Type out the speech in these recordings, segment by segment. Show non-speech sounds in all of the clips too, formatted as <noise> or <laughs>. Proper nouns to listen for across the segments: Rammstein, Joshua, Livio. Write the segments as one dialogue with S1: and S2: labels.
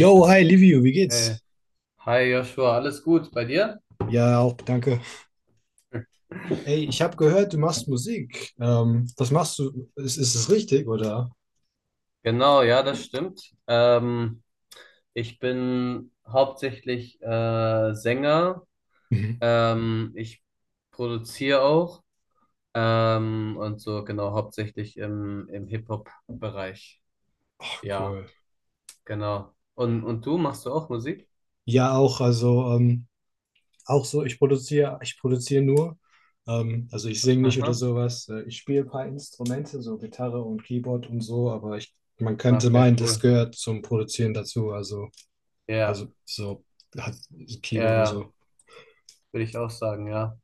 S1: Yo, hi Livio, wie geht's?
S2: Hey. Hi Joshua, alles gut bei dir?
S1: Ja, auch danke. Ey, ich habe gehört, du machst Musik. Was machst du? Ist es richtig, oder?
S2: Genau, ja, das stimmt. Ich bin hauptsächlich Sänger.
S1: Mhm.
S2: Ich produziere auch und so genau hauptsächlich im Hip-Hop-Bereich.
S1: Ach,
S2: Ja,
S1: cool.
S2: genau. Und du machst du auch Musik?
S1: Ja, auch, also auch so, ich produziere nur. Also ich singe nicht oder
S2: Aha,
S1: sowas. Ich spiele ein paar Instrumente, so Gitarre und Keyboard und so, aber man könnte
S2: okay,
S1: meinen, das
S2: cool.
S1: gehört zum Produzieren dazu.
S2: Ja,
S1: Also so hat
S2: ja,
S1: Keyboard und
S2: ja,
S1: so.
S2: würde ich auch sagen, ja.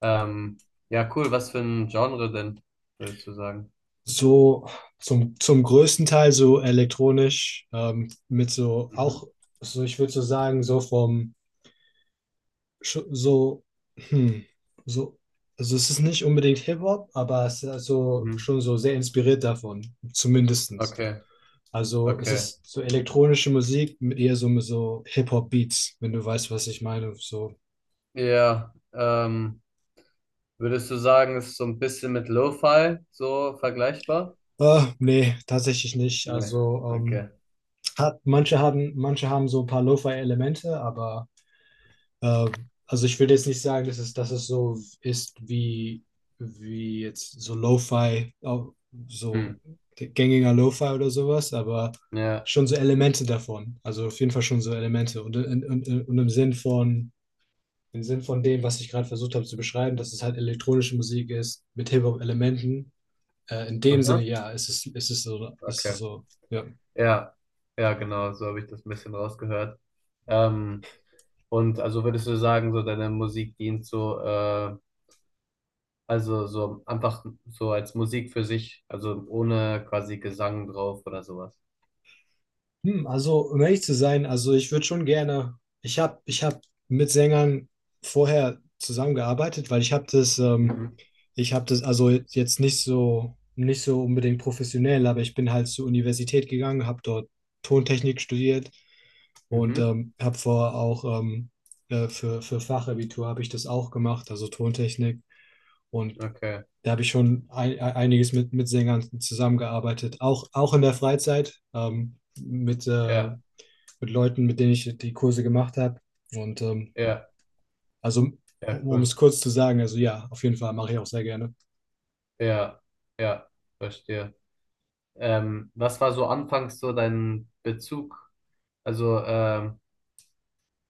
S2: Ähm, ja, cool. Was für ein Genre denn, würdest du sagen?
S1: So zum größten Teil so elektronisch, mit so
S2: Mhm.
S1: auch, so ich würde so sagen, so vom, sch- so, hm, so, also es ist nicht unbedingt Hip-Hop, aber es ist also
S2: Mhm.
S1: schon so sehr inspiriert davon, zumindestens.
S2: Okay,
S1: Also es
S2: okay.
S1: ist so elektronische Musik mit eher so, mit so Hip-Hop-Beats, wenn du weißt, was ich meine. So,
S2: Ja, würdest du sagen, ist so ein bisschen mit Lo-Fi so vergleichbar?
S1: nee, tatsächlich nicht.
S2: Nee,
S1: Also
S2: okay.
S1: manche haben so ein paar Lo-Fi-Elemente, aber Äh, also ich will jetzt nicht sagen, dass es so ist wie jetzt so Lo-Fi,
S2: Hm.
S1: so gängiger Lo-Fi oder sowas, aber
S2: Ja,
S1: schon so Elemente davon. Also auf jeden Fall schon so Elemente. Und im Sinn von dem, was ich gerade versucht habe zu beschreiben, dass es halt elektronische Musik ist mit Hip-Hop-Elementen. In dem Sinne,
S2: aha,
S1: ja, es ist so, es ist
S2: okay.
S1: so, ja.
S2: Ja, ja, genau, so habe ich das ein bisschen rausgehört. Ähm, und also würdest du sagen, so deine Musik dient so, also so einfach so als Musik für sich, also ohne quasi Gesang drauf oder sowas.
S1: Hm, also, um ehrlich zu sein, also ich würde schon gerne, ich habe ich hab mit Sängern vorher zusammengearbeitet, weil ich habe
S2: Mhm,
S1: ich habe das, also jetzt nicht so, nicht so unbedingt professionell, aber ich bin halt zur Universität gegangen, habe dort Tontechnik studiert und
S2: mhm,
S1: habe vorher auch für Fachabitur habe ich das auch gemacht, also Tontechnik. Und
S2: okay.
S1: da habe ich schon einiges mit Sängern zusammengearbeitet, auch, auch in der Freizeit.
S2: Ja,
S1: Mit Leuten, mit denen ich die Kurse gemacht habe. Und
S2: ja,
S1: also, um,
S2: ja,
S1: um
S2: cool.
S1: es kurz zu sagen, also ja, auf jeden Fall mache ich auch sehr gerne.
S2: Ja, ja, verstehe. Was war so anfangs so dein Bezug? Also, ähm,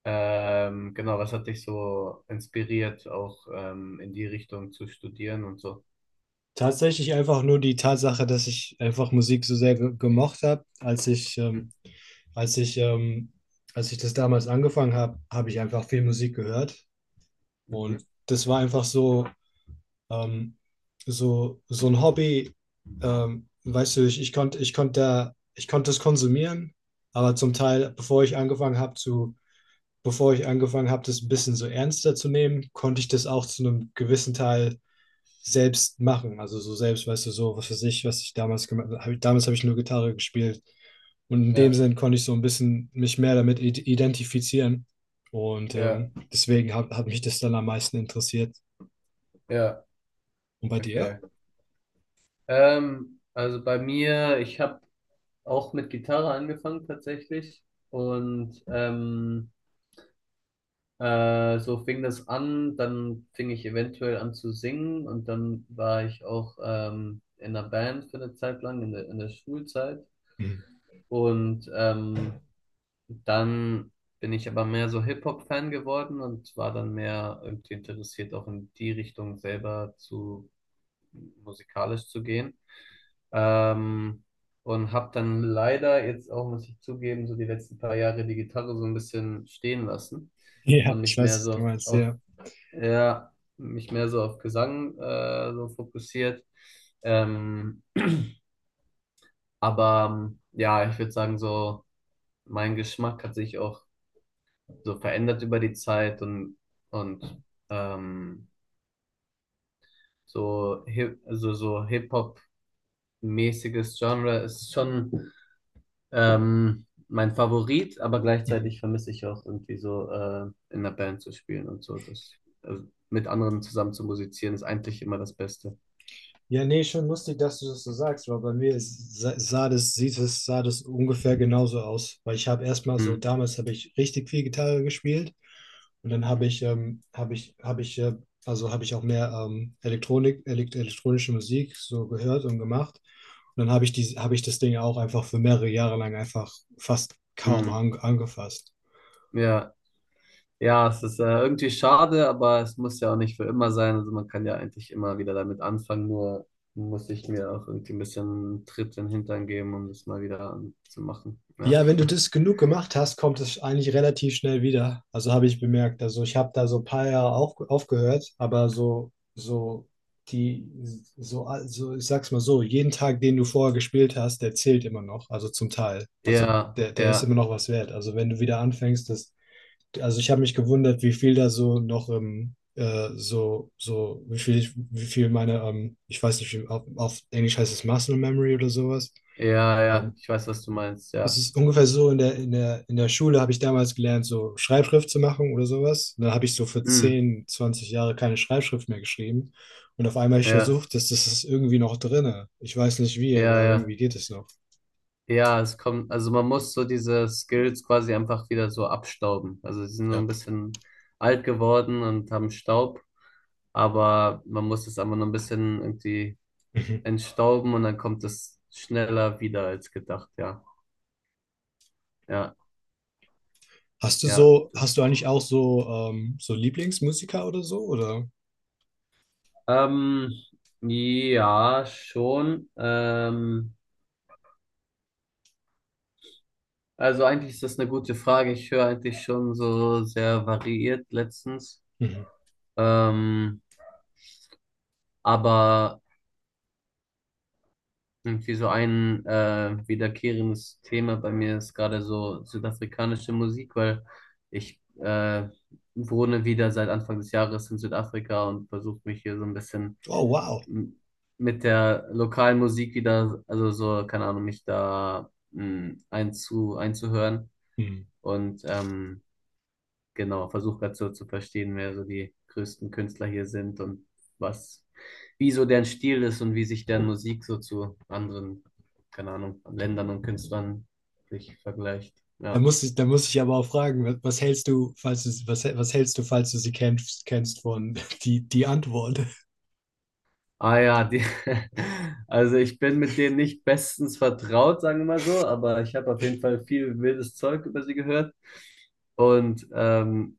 S2: genau, was hat dich so inspiriert, auch in die Richtung zu studieren und so?
S1: Tatsächlich einfach nur die Tatsache, dass ich einfach Musik so sehr ge gemocht habe, als
S2: Hm.
S1: als ich, ähm, als ich das damals angefangen habe, habe ich einfach viel Musik gehört.
S2: Mhm.
S1: Und das war einfach so, ähm, so, so ein Hobby. Weißt du, ich konnte das konsumieren, aber zum Teil, bevor ich angefangen habe, das ein bisschen so ernster zu nehmen, konnte ich das auch zu einem gewissen Teil selbst machen. Also so selbst, weißt du, so was für sich, was ich damals gemacht habe. Damals habe ich nur Gitarre gespielt. Und in dem
S2: Ja,
S1: Sinn konnte ich so ein bisschen mich mehr damit identifizieren. Und
S2: ja,
S1: deswegen hat mich das dann am meisten interessiert.
S2: ja,
S1: Und bei dir?
S2: okay. Also bei mir, ich habe auch mit Gitarre angefangen tatsächlich und so fing das an, dann fing ich eventuell an zu singen und dann war ich auch in einer Band für eine Zeit lang, in der Schulzeit.
S1: Mhm. <laughs>
S2: Und dann bin ich aber mehr so Hip-Hop-Fan geworden und war dann mehr irgendwie interessiert, auch in die Richtung selber zu musikalisch zu gehen. Ähm, und habe dann leider jetzt auch, muss ich zugeben, so die letzten paar Jahre die Gitarre so ein bisschen stehen lassen
S1: Ja,
S2: und
S1: ich
S2: nicht
S1: weiß,
S2: mehr
S1: was
S2: so
S1: du
S2: auf,
S1: meinst,
S2: auf
S1: ja.
S2: ja, mich mehr so auf Gesang so fokussiert. Ähm, aber ja, ich würde sagen, so mein Geschmack hat sich auch so verändert über die Zeit und ähm, so also so Hip-Hop-mäßiges Genre ist schon mein Favorit, aber gleichzeitig vermisse ich auch irgendwie so in der Band zu spielen und so. Das, also mit anderen zusammen zu musizieren ist eigentlich immer das Beste.
S1: Ja, nee, schon lustig, dass du das so sagst, weil bei mir sah das ungefähr genauso aus. Weil ich habe erstmal
S2: Hm.
S1: so, damals habe ich richtig viel Gitarre gespielt und dann habe ich, habe ich auch mehr Elektronik, elekt elektronische Musik so gehört und gemacht. Und dann habe ich das Ding auch einfach für mehrere Jahre lang einfach fast kaum
S2: Hm.
S1: angefasst.
S2: Ja. Ja, es ist irgendwie schade, aber es muss ja auch nicht für immer sein. Also man kann ja eigentlich immer wieder damit anfangen, nur muss ich mir auch irgendwie ein bisschen einen Tritt in den Hintern geben, um das mal wieder zu machen. Ja.
S1: Ja, wenn du
S2: <laughs>
S1: das genug gemacht hast, kommt es eigentlich relativ schnell wieder. Also habe ich bemerkt. Also ich habe da so ein paar Jahre aufgehört, aber so, so die, also ich sag's mal so, jeden Tag, den du vorher gespielt hast, der zählt immer noch. Also zum Teil. Also
S2: Ja,
S1: der ist immer
S2: ja,
S1: noch was wert. Also wenn du wieder anfängst, das, also ich habe mich gewundert, wie viel da so noch im, so, so, wie viel ich, wie viel meine, ich weiß nicht, auf Englisch heißt es Muscle Memory oder sowas.
S2: ja, ja.
S1: Ähm,
S2: Ich weiß, was du meinst,
S1: Es
S2: ja.
S1: ist ungefähr so, in der Schule habe ich damals gelernt, so Schreibschrift zu machen oder sowas. Und dann habe ich so für
S2: Hm,
S1: 10, 20 Jahre keine Schreibschrift mehr geschrieben. Und auf einmal habe ich
S2: ja,
S1: versucht, dass das ist irgendwie noch drinne. Ich weiß nicht wie,
S2: ja,
S1: aber
S2: ja.
S1: irgendwie geht es noch.
S2: Ja, es kommt, also man muss so diese Skills quasi einfach wieder so abstauben. Also sie sind so
S1: Ja.
S2: ein bisschen alt geworden und haben Staub, aber man muss es einfach noch ein bisschen irgendwie
S1: Mhm.
S2: entstauben und dann kommt es schneller wieder als gedacht, ja. Ja,
S1: Hast du
S2: ja.
S1: so,
S2: Das.
S1: hast du eigentlich auch so, so Lieblingsmusiker oder so, oder?
S2: Ähm, ja, schon. Also eigentlich ist das eine gute Frage. Ich höre eigentlich schon so sehr variiert letztens.
S1: Mhm.
S2: Ähm, aber irgendwie so ein wiederkehrendes Thema bei mir ist gerade so südafrikanische Musik, weil ich wohne wieder seit Anfang des Jahres in Südafrika und versuche mich hier so ein bisschen
S1: Oh, wow.
S2: m- mit der lokalen Musik wieder, also so, keine Ahnung, mich da einzuhören
S1: Mhm.
S2: und genau, versuche gerade so zu verstehen, wer so die größten Künstler hier sind und was, wie so deren Stil ist und wie sich deren Musik so zu anderen, keine Ahnung, Ländern und Künstlern sich vergleicht.
S1: Da
S2: Ja.
S1: muss ich, da muss ich aber auch fragen, was, was hältst du, falls du sie kennst, kennst von <laughs> die, die Antwort?
S2: Ah ja, die, <laughs> also ich bin mit denen nicht bestens vertraut, sagen wir mal so, aber ich habe auf jeden Fall viel wildes Zeug über sie gehört. Und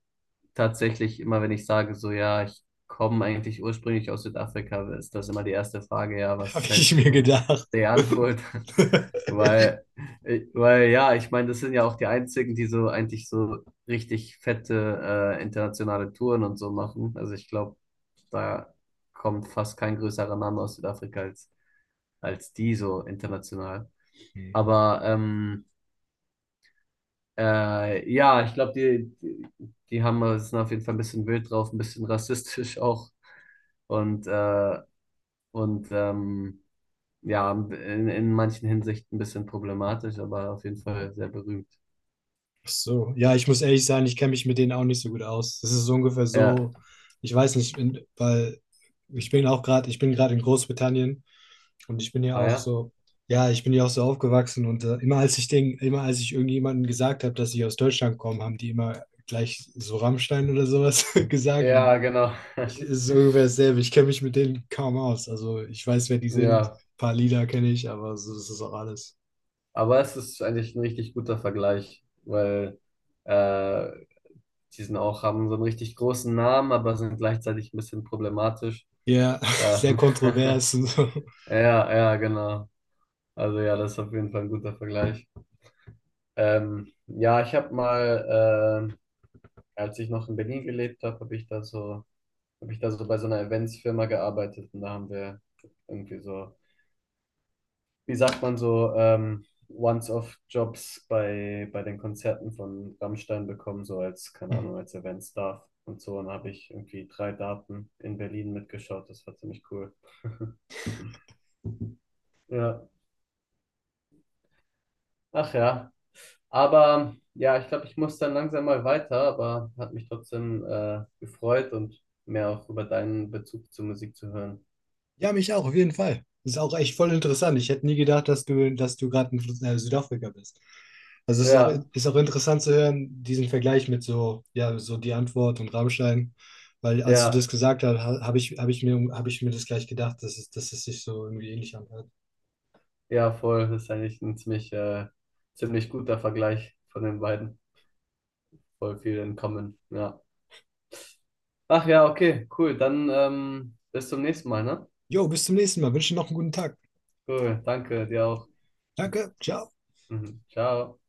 S2: tatsächlich immer, wenn ich sage, so ja, ich komme eigentlich ursprünglich aus Südafrika, ist das immer die erste Frage, ja, was
S1: Habe ich
S2: hältst du
S1: mir
S2: von
S1: gedacht.
S2: der Antwort? <laughs>
S1: <laughs>
S2: Weil, weil ja, ich meine, das sind ja auch die einzigen, die so eigentlich so richtig fette internationale Touren und so machen. Also ich glaube, da kommt fast kein größerer Name aus Südafrika als, als die so international. Aber ja, ich glaube, die haben es sind auf jeden Fall ein bisschen wild drauf, ein bisschen rassistisch <laughs> auch und, äh, und ja, in manchen Hinsichten ein bisschen problematisch, aber auf jeden Fall sehr berühmt.
S1: Ach so, ja, ich muss ehrlich sein, ich kenne mich mit denen auch nicht so gut aus. Das ist so ungefähr
S2: Ja,
S1: so, ich weiß nicht, weil ich bin gerade in Großbritannien und ich bin ja
S2: ah
S1: auch
S2: ja,
S1: so, ja, ich bin ja auch so aufgewachsen und immer als immer als ich irgendjemandem gesagt habe, dass ich aus Deutschland komme, haben die immer gleich so Rammstein oder sowas <laughs> gesagt und
S2: ja, genau.
S1: ich,
S2: <laughs>
S1: es ist so ungefähr dasselbe. Ich kenne mich mit denen kaum aus. Also ich weiß, wer die sind, ein
S2: Ja,
S1: paar Lieder kenne ich, aber so, das ist auch alles.
S2: aber es ist eigentlich ein richtig guter Vergleich, weil äh, die sind auch, haben so einen richtig großen Namen, aber sind gleichzeitig ein bisschen problematisch.
S1: Ja, <laughs> sehr
S2: Ähm, <laughs>
S1: kontrovers und so.
S2: ja, ja, genau. Also ja, das ist auf jeden Fall ein guter Vergleich. Ja, ich habe mal, als ich noch in Berlin gelebt habe, habe ich da so, habe ich da so bei so einer Eventsfirma gearbeitet und da haben wir irgendwie so, wie sagt man so, Once-off-Jobs bei, bei den Konzerten von Rammstein bekommen, so als, keine
S1: Mhm.
S2: Ahnung, als Event-Staff und so. Und da habe ich irgendwie 3 Daten in Berlin mitgeschaut. Das war ziemlich cool. Ja. Ach ja. Aber ja, ich glaube, ich muss dann langsam mal weiter, aber hat mich trotzdem gefreut und mehr auch über deinen Bezug zur Musik zu hören.
S1: Ja, mich auch, auf jeden Fall. Ist auch echt voll interessant. Ich hätte nie gedacht, dass du gerade in Südafrika bist. Also es
S2: Ja,
S1: ist auch interessant zu hören, diesen Vergleich mit so, ja, so die Antwort und Rammstein. Weil als du
S2: ja,
S1: das gesagt hast, hab ich mir das gleich gedacht, dass es sich so irgendwie ähnlich anhört.
S2: ja, voll. Das ist eigentlich ein ziemlich, ziemlich guter Vergleich von den beiden. Voll viel in Common, ja. Ach ja, okay, cool. Dann bis zum nächsten Mal, ne?
S1: Jo, bis zum nächsten Mal. Wünsche dir noch einen guten Tag.
S2: Cool, danke dir auch.
S1: Danke, ciao.
S2: Mhm. Ciao.